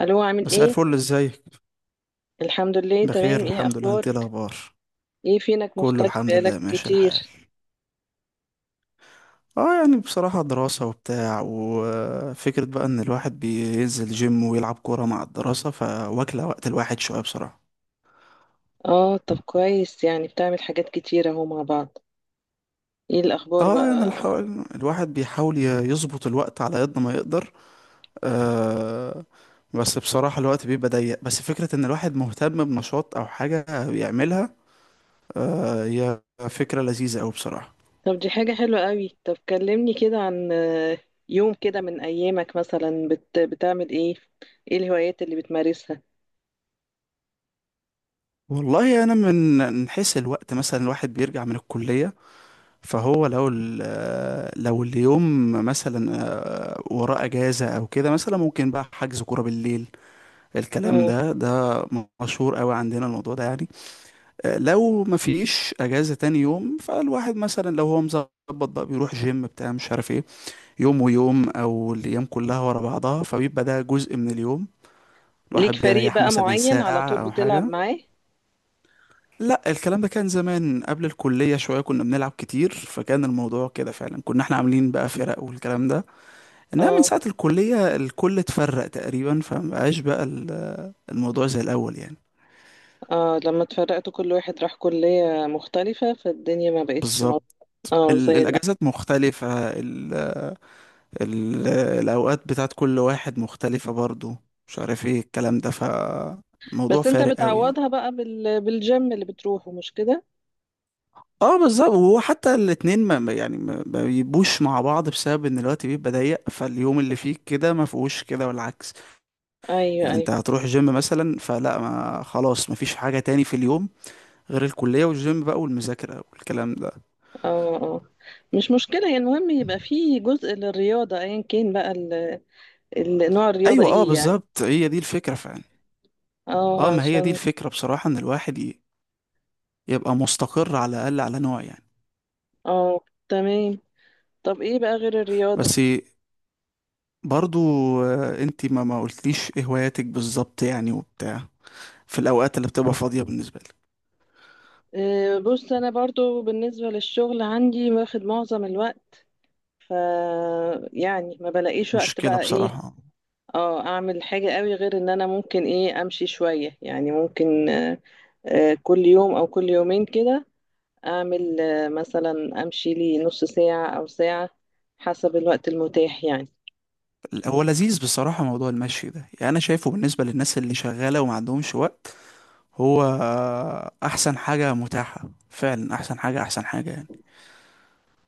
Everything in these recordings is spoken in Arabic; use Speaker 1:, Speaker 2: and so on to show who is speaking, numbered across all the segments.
Speaker 1: الو، عامل
Speaker 2: مساء
Speaker 1: ايه؟
Speaker 2: الفل، ازيك؟
Speaker 1: الحمد لله،
Speaker 2: بخير
Speaker 1: تمام. ايه
Speaker 2: الحمد لله، انت ايه
Speaker 1: اخبارك؟
Speaker 2: الاخبار؟
Speaker 1: ايه، فينك
Speaker 2: كله
Speaker 1: مختفي
Speaker 2: الحمد لله
Speaker 1: بقالك
Speaker 2: ماشي الحال.
Speaker 1: كتير؟
Speaker 2: اه، يعني بصراحة دراسة وبتاع، وفكرة بقى ان الواحد بينزل جيم ويلعب كورة مع الدراسة، فواكلة وقت الواحد شوية بصراحة.
Speaker 1: اه، طب كويس، يعني بتعمل حاجات كتير اهو مع بعض. ايه الاخبار
Speaker 2: اه، يعني
Speaker 1: بقى؟
Speaker 2: الواحد بيحاول يظبط الوقت على قد ما يقدر. آه بس بصراحة الوقت بيبقى ضيق، بس فكرة ان الواحد مهتم بنشاط او حاجة بيعملها، هي فكرة لذيذة اوي بصراحة.
Speaker 1: طب دي حاجة حلوة قوي. طب كلمني كده عن يوم كده من ايامك مثلا بتعمل ايه؟ ايه الهوايات اللي بتمارسها؟
Speaker 2: والله انا من حيث الوقت، مثلا الواحد بيرجع من الكليه، فهو لو لو اليوم مثلا وراه اجازه او كده، مثلا ممكن بقى حجز كوره بالليل. الكلام
Speaker 1: مم.
Speaker 2: ده مشهور قوي عندنا، الموضوع ده يعني. لو ما فيش اجازه تاني يوم، فالواحد مثلا لو هو مظبط بقى بيروح جيم بتاع مش عارف ايه، يوم ويوم، او الايام كلها ورا بعضها، فبيبقى ده جزء من اليوم،
Speaker 1: ليك
Speaker 2: الواحد
Speaker 1: فريق
Speaker 2: بيريح
Speaker 1: بقى
Speaker 2: مثلا
Speaker 1: معين على
Speaker 2: ساعه
Speaker 1: طول
Speaker 2: او
Speaker 1: بتلعب
Speaker 2: حاجه.
Speaker 1: معاه؟
Speaker 2: لا، الكلام ده كان زمان، قبل الكلية شوية كنا بنلعب كتير، فكان الموضوع كده فعلا، كنا احنا عاملين بقى فرق والكلام ده، انما من
Speaker 1: اه،
Speaker 2: ساعة الكلية الكل اتفرق تقريبا، فمبقاش بقى الموضوع زي الأول يعني.
Speaker 1: اه، لما اتفرقتوا كل واحد راح كلية مختلفة فالدنيا ما بقتش
Speaker 2: بالظبط،
Speaker 1: مظبوطة. اه، زي الأول.
Speaker 2: الأجازات مختلفة، ال ال الأوقات بتاعت كل واحد مختلفة برضو، مش عارف ايه الكلام ده، فالموضوع
Speaker 1: بس انت
Speaker 2: فارق قوي يعني.
Speaker 1: بتعوضها بقى بالجيم اللي بتروحه، مش كده؟
Speaker 2: اه بالظبط، وهو حتى الاتنين يعني ما بيبقوش مع بعض بسبب ان الوقت بيبقى ضيق، فاليوم اللي فيه كده ما فيهوش كده والعكس.
Speaker 1: ايوه،
Speaker 2: يعني انت
Speaker 1: ايوه.
Speaker 2: هتروح جيم مثلا، فلا، ما خلاص مفيش حاجة تاني في اليوم غير الكلية والجيم بقى والمذاكرة والكلام ده.
Speaker 1: اه، اه، مش مشكله، يعني المهم يبقى في جزء للرياضه، ايا كان بقى نوع الرياضه
Speaker 2: ايوه اه
Speaker 1: ايه يعني.
Speaker 2: بالظبط، هي دي الفكرة فعلا.
Speaker 1: اه،
Speaker 2: اه، ما هي دي
Speaker 1: عشان.
Speaker 2: الفكرة بصراحة، ان الواحد يبقى مستقر على الاقل على نوع يعني.
Speaker 1: اه، تمام. طب ايه بقى غير الرياضه؟
Speaker 2: بس برضو، انت ما قلتليش ايه هواياتك بالظبط يعني وبتاع، في الاوقات اللي بتبقى فاضية بالنسبة لك.
Speaker 1: بص، انا برضو بالنسبه للشغل عندي واخد معظم الوقت. ف يعني ما بلاقيش وقت
Speaker 2: مشكلة
Speaker 1: بقى ايه،
Speaker 2: بصراحة.
Speaker 1: اه اعمل حاجه قوي غير ان انا ممكن ايه امشي شويه، يعني ممكن كل يوم او كل يومين كده اعمل مثلا امشي لي نص ساعة او ساعة، حسب الوقت المتاح يعني.
Speaker 2: هو لذيذ بصراحة موضوع المشي ده، يعني انا شايفه بالنسبة للناس اللي شغالة وما عندهمش وقت، هو احسن حاجة متاحة فعلا، احسن حاجة، احسن حاجة يعني.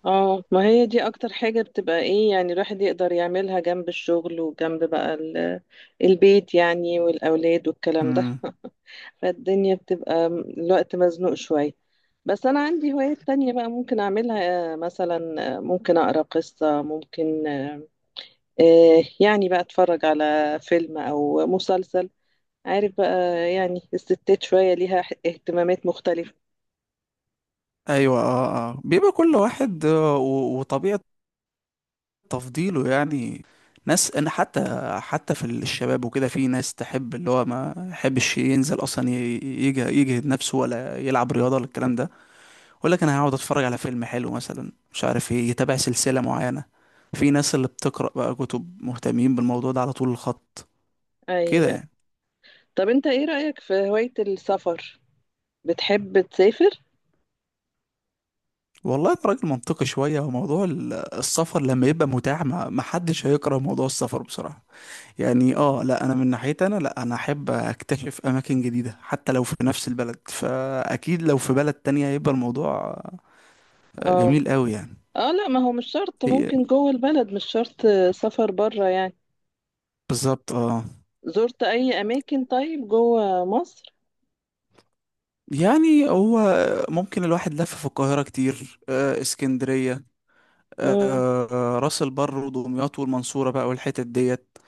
Speaker 1: اه، ما هي دي اكتر حاجة بتبقى ايه، يعني الواحد يقدر يعملها جنب الشغل وجنب بقى البيت، يعني والاولاد والكلام ده.
Speaker 2: امم.
Speaker 1: فالدنيا بتبقى الوقت مزنوق شوية. بس انا عندي هوايات تانية بقى ممكن اعملها، مثلا ممكن اقرا قصة، ممكن يعني بقى اتفرج على فيلم او مسلسل، عارف بقى. يعني الستات شوية ليها اهتمامات مختلفة.
Speaker 2: ايوه، اه، اه، بيبقى كل واحد، وطبيعة تفضيله يعني. ناس، انا حتى في الشباب وكده في ناس تحب، اللي هو ما يحبش ينزل اصلا يجهد نفسه، ولا يلعب رياضة ولا الكلام ده، يقول لك انا هقعد اتفرج على فيلم حلو مثلا، مش عارف ايه، يتابع سلسلة معينة. في ناس اللي بتقرأ بقى كتب، مهتمين بالموضوع ده على طول الخط كده
Speaker 1: أيوة.
Speaker 2: يعني.
Speaker 1: طب أنت إيه رأيك في هواية السفر؟ بتحب تسافر؟
Speaker 2: والله انت راجل منطقي شوية، وموضوع السفر لما يبقى متاح ما حدش هيكره موضوع السفر بصراحة، يعني اه لا، انا من ناحيتي انا لا، انا احب اكتشف اماكن جديدة حتى لو في نفس البلد، فاكيد لو في بلد تانية هيبقى الموضوع
Speaker 1: اه،
Speaker 2: جميل قوي يعني.
Speaker 1: اه، لا، ما هو مش شرط،
Speaker 2: هي
Speaker 1: ممكن جوه البلد، مش شرط سفر بره يعني.
Speaker 2: بالظبط اه.
Speaker 1: زرت أي أماكن طيب جوه مصر؟
Speaker 2: يعني هو ممكن الواحد لف في القاهرة كتير، اسكندرية،
Speaker 1: امم.
Speaker 2: آه، راس البر ودمياط والمنصورة بقى والحتت ديت،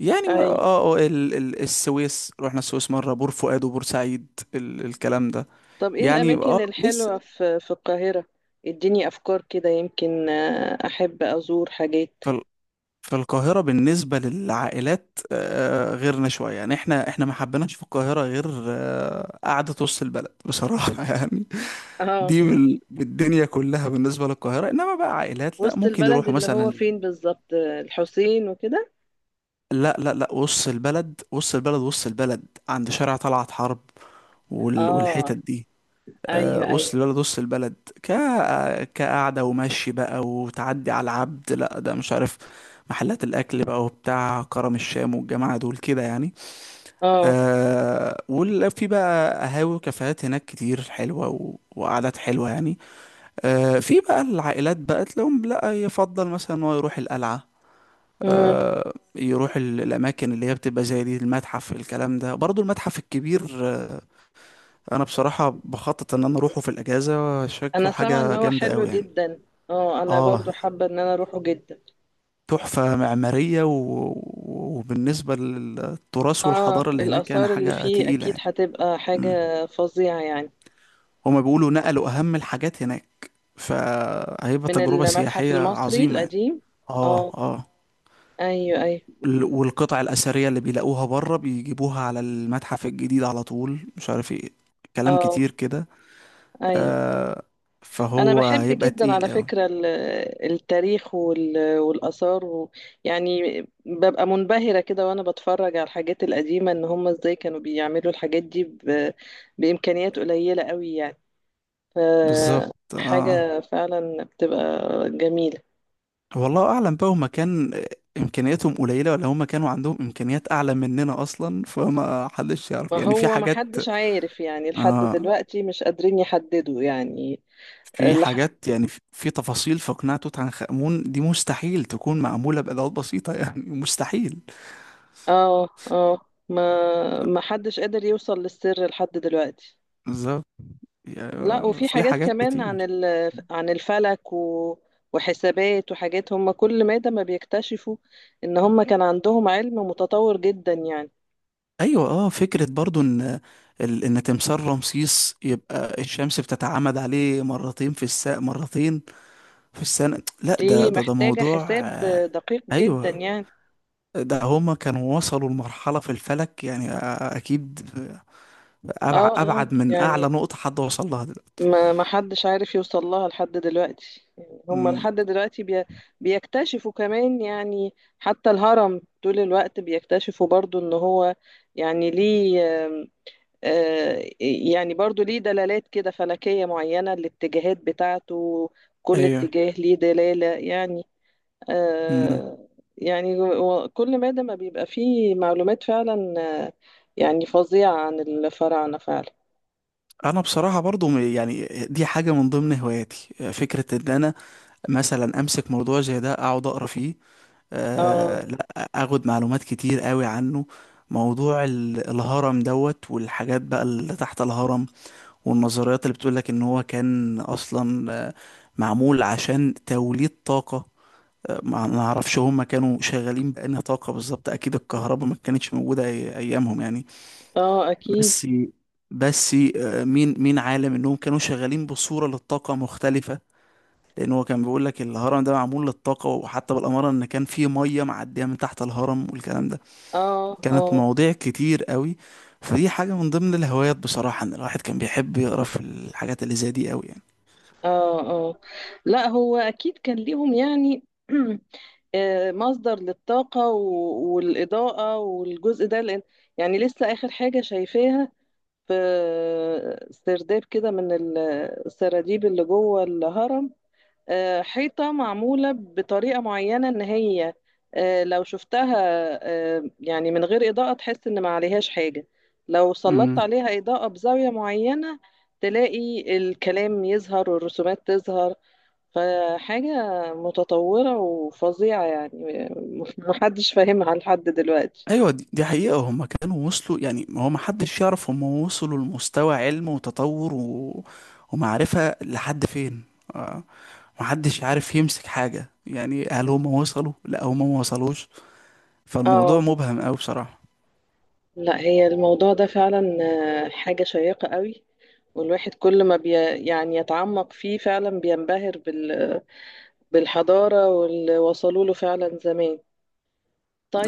Speaker 2: يعني
Speaker 1: أي.
Speaker 2: اه اه ال ال السويس، رحنا السويس مرة، بور فؤاد وبورسعيد، الكلام ده
Speaker 1: طب إيه
Speaker 2: يعني.
Speaker 1: الأماكن
Speaker 2: اه، لسه.
Speaker 1: الحلوة في القاهرة؟ اديني أفكار كده، يمكن أحب أزور حاجات.
Speaker 2: فال- فالقاهرة بالنسبة للعائلات، غيرنا شوية يعني، احنا ما حبيناش في القاهرة غير قعدة وسط البلد بصراحة يعني.
Speaker 1: اه،
Speaker 2: دي بالدنيا كلها بالنسبة للقاهرة، انما بقى عائلات لا،
Speaker 1: وسط
Speaker 2: ممكن
Speaker 1: البلد
Speaker 2: يروحوا
Speaker 1: اللي هو
Speaker 2: مثلا.
Speaker 1: فين بالظبط، الحسين وكده؟
Speaker 2: لا، لا، لا، وسط البلد، وسط البلد، وسط البلد عند شارع طلعت حرب،
Speaker 1: اه،
Speaker 2: والحتت دي.
Speaker 1: ايوه، ايوه.
Speaker 2: وسط البلد، وسط البلد، ك كقعدة ومشي بقى، وتعدي على العبد، لا ده مش عارف، محلات الأكل بقى وبتاع كرم الشام والجماعة دول كده يعني.
Speaker 1: اه،
Speaker 2: وفي بقى قهاوي وكافيهات هناك كتير حلوة وقعدات حلوة يعني. في بقى العائلات بقى تلاقيهم، لا يفضل مثلا إن هو يروح القلعة،
Speaker 1: مم.
Speaker 2: يروح الأماكن اللي هي بتبقى زي دي، المتحف الكلام ده برضو، المتحف الكبير. انا بصراحه بخطط ان انا اروحه في الاجازه،
Speaker 1: انا
Speaker 2: شكله
Speaker 1: سامعه ان
Speaker 2: حاجه
Speaker 1: هو
Speaker 2: جامده
Speaker 1: حلو
Speaker 2: قوي يعني.
Speaker 1: جدا. اه، انا
Speaker 2: اه،
Speaker 1: برضو حابه ان انا اروحه جدا.
Speaker 2: تحفه معماريه وبالنسبه للتراث
Speaker 1: اه،
Speaker 2: والحضاره اللي هناك، يعني
Speaker 1: الاثار اللي
Speaker 2: حاجه
Speaker 1: فيه
Speaker 2: تقيله
Speaker 1: اكيد
Speaker 2: يعني.
Speaker 1: هتبقى
Speaker 2: مم.
Speaker 1: حاجه فظيعه يعني.
Speaker 2: هما بيقولوا نقلوا اهم الحاجات هناك، فهيبقى
Speaker 1: من
Speaker 2: تجربه
Speaker 1: المتحف
Speaker 2: سياحيه
Speaker 1: المصري
Speaker 2: عظيمه يعني.
Speaker 1: القديم.
Speaker 2: اه،
Speaker 1: اه،
Speaker 2: اه،
Speaker 1: ايوه، ايوه.
Speaker 2: والقطع الاثريه اللي بيلاقوها بره بيجيبوها على المتحف الجديد على طول، مش عارف ايه، كلام
Speaker 1: اه،
Speaker 2: كتير كده.
Speaker 1: ايوه.
Speaker 2: آه
Speaker 1: انا
Speaker 2: فهو
Speaker 1: بحب
Speaker 2: هيبقى
Speaker 1: جدا على
Speaker 2: تقيل قوي.
Speaker 1: فكره التاريخ والاثار يعني ببقى منبهره كده وانا بتفرج على الحاجات القديمه، ان هم ازاي كانوا بيعملوا الحاجات دي بامكانيات قليله قوي يعني.
Speaker 2: بالظبط اه.
Speaker 1: فحاجة فعلا بتبقى جميلة.
Speaker 2: والله اعلم بقى، هما كان امكانياتهم قليله ولا هما كانوا عندهم امكانيات اعلى مننا اصلا، فما حدش يعرف
Speaker 1: ما
Speaker 2: يعني، في
Speaker 1: هو ما
Speaker 2: حاجات،
Speaker 1: حدش عارف يعني لحد
Speaker 2: آه
Speaker 1: دلوقتي، مش قادرين يحددوا يعني.
Speaker 2: في
Speaker 1: لح...
Speaker 2: حاجات يعني، في تفاصيل، في قناع توت عنخ امون دي مستحيل تكون معموله بادوات بسيطه يعني مستحيل.
Speaker 1: اه، اه، ما ما حدش قادر يوصل للسر لحد دلوقتي.
Speaker 2: بالظبط، يعني
Speaker 1: لا، وفي
Speaker 2: في
Speaker 1: حاجات
Speaker 2: حاجات
Speaker 1: كمان عن
Speaker 2: كتير.
Speaker 1: عن الفلك وحسابات وحاجات، هم كل مادة ما بيكتشفوا ان هم كان عندهم علم متطور جدا يعني.
Speaker 2: ايوه اه، فكره برضو ان ان تمثال رمسيس يبقى الشمس بتتعامد عليه مرتين في الساعه، مرتين في السنه، لا، ده
Speaker 1: دي
Speaker 2: ده ده
Speaker 1: محتاجة
Speaker 2: موضوع
Speaker 1: حساب دقيق جدا
Speaker 2: ايوه،
Speaker 1: يعني.
Speaker 2: ده هما كانوا وصلوا لمرحلة في الفلك، يعني أكيد أبعد،
Speaker 1: اه، اه،
Speaker 2: أبعد من
Speaker 1: يعني
Speaker 2: أعلى نقطة حد وصل لها دلوقتي.
Speaker 1: ما حدش عارف يوصل لها لحد دلوقتي، يعني هم
Speaker 2: أمم،
Speaker 1: لحد دلوقتي بيكتشفوا كمان. يعني حتى الهرم طول الوقت بيكتشفوا برضو ان هو يعني ليه يعني برضو ليه دلالات كده فلكية معينة، الاتجاهات بتاعته كل
Speaker 2: أيوه.
Speaker 1: اتجاه ليه دلالة يعني.
Speaker 2: أمم.
Speaker 1: آه، يعني كل مادة ما بيبقى فيه معلومات فعلا، آه، يعني فظيعة عن الفراعنة فعلا.
Speaker 2: أنا بصراحة برضو يعني دي حاجة من ضمن هواياتي، فكرة إن أنا مثلا أمسك موضوع زي ده أقعد أقرأ فيه،
Speaker 1: اه،
Speaker 2: لا أخد معلومات كتير قوي عنه. موضوع الهرم دوت والحاجات بقى اللي تحت الهرم، والنظريات اللي بتقولك إن هو كان أصلا معمول عشان توليد طاقة. ما اعرفش هم كانوا شغالين بأنهي طاقة بالظبط، اكيد الكهرباء ما كانتش موجودة ايامهم يعني.
Speaker 1: اه، اكيد.
Speaker 2: بس بس مين عالم انهم كانوا شغالين بصورة للطاقة مختلفة، لان هو كان بيقول لك الهرم ده معمول للطاقة، وحتى بالأمارة ان كان في مية معدية من تحت الهرم والكلام ده،
Speaker 1: اه،
Speaker 2: كانت
Speaker 1: اه،
Speaker 2: مواضيع كتير قوي. فدي حاجة من ضمن الهوايات بصراحة، ان الواحد كان بيحب يقرا في الحاجات اللي زي دي قوي
Speaker 1: اه، اه، لا هو اكيد كان ليهم يعني. مصدر للطاقة والإضاءة والجزء ده، لأن يعني لسه آخر حاجة شايفاها في سرداب كده من السراديب اللي جوه الهرم. حيطة معمولة بطريقة معينة، إن هي لو شفتها يعني من غير إضاءة تحس إن ما عليهاش حاجة، لو سلطت
Speaker 2: يعني.
Speaker 1: عليها إضاءة بزاوية معينة تلاقي الكلام يظهر والرسومات تظهر. فحاجة متطورة وفظيعة يعني. محدش فاهمها لحد دلوقتي.
Speaker 2: ايوه، دي حقيقة، هم كانوا وصلوا، يعني هو ما حدش يعرف هم وصلوا لمستوى علم وتطور ومعرفة لحد فين. آه، ما حدش عارف يمسك حاجة، يعني هل هم وصلوا، لا هم ما وصلوش، فالموضوع
Speaker 1: اه،
Speaker 2: مبهم قوي بصراحة.
Speaker 1: لا هي الموضوع ده فعلا حاجة شيقة قوي. والواحد كل ما يعني يتعمق فيه فعلا بينبهر بالحضارة واللي وصلوا له فعلا زمان.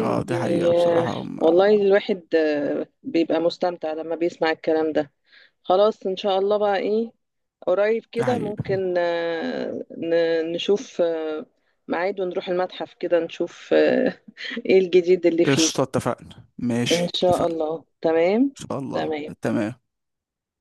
Speaker 2: اه
Speaker 1: دي،
Speaker 2: دي حقيقة بصراحة،
Speaker 1: والله الواحد بيبقى مستمتع لما بيسمع الكلام ده. خلاص، إن شاء الله بقى إيه، قريب
Speaker 2: دي
Speaker 1: كده
Speaker 2: حقيقة.
Speaker 1: ممكن نشوف ميعاد ونروح المتحف كده، نشوف إيه الجديد اللي فيه.
Speaker 2: قشطة، اتفقنا،
Speaker 1: إن
Speaker 2: ماشي
Speaker 1: شاء
Speaker 2: اتفقنا.
Speaker 1: الله، تمام.
Speaker 2: ان شاء الله
Speaker 1: تمام.
Speaker 2: تمام.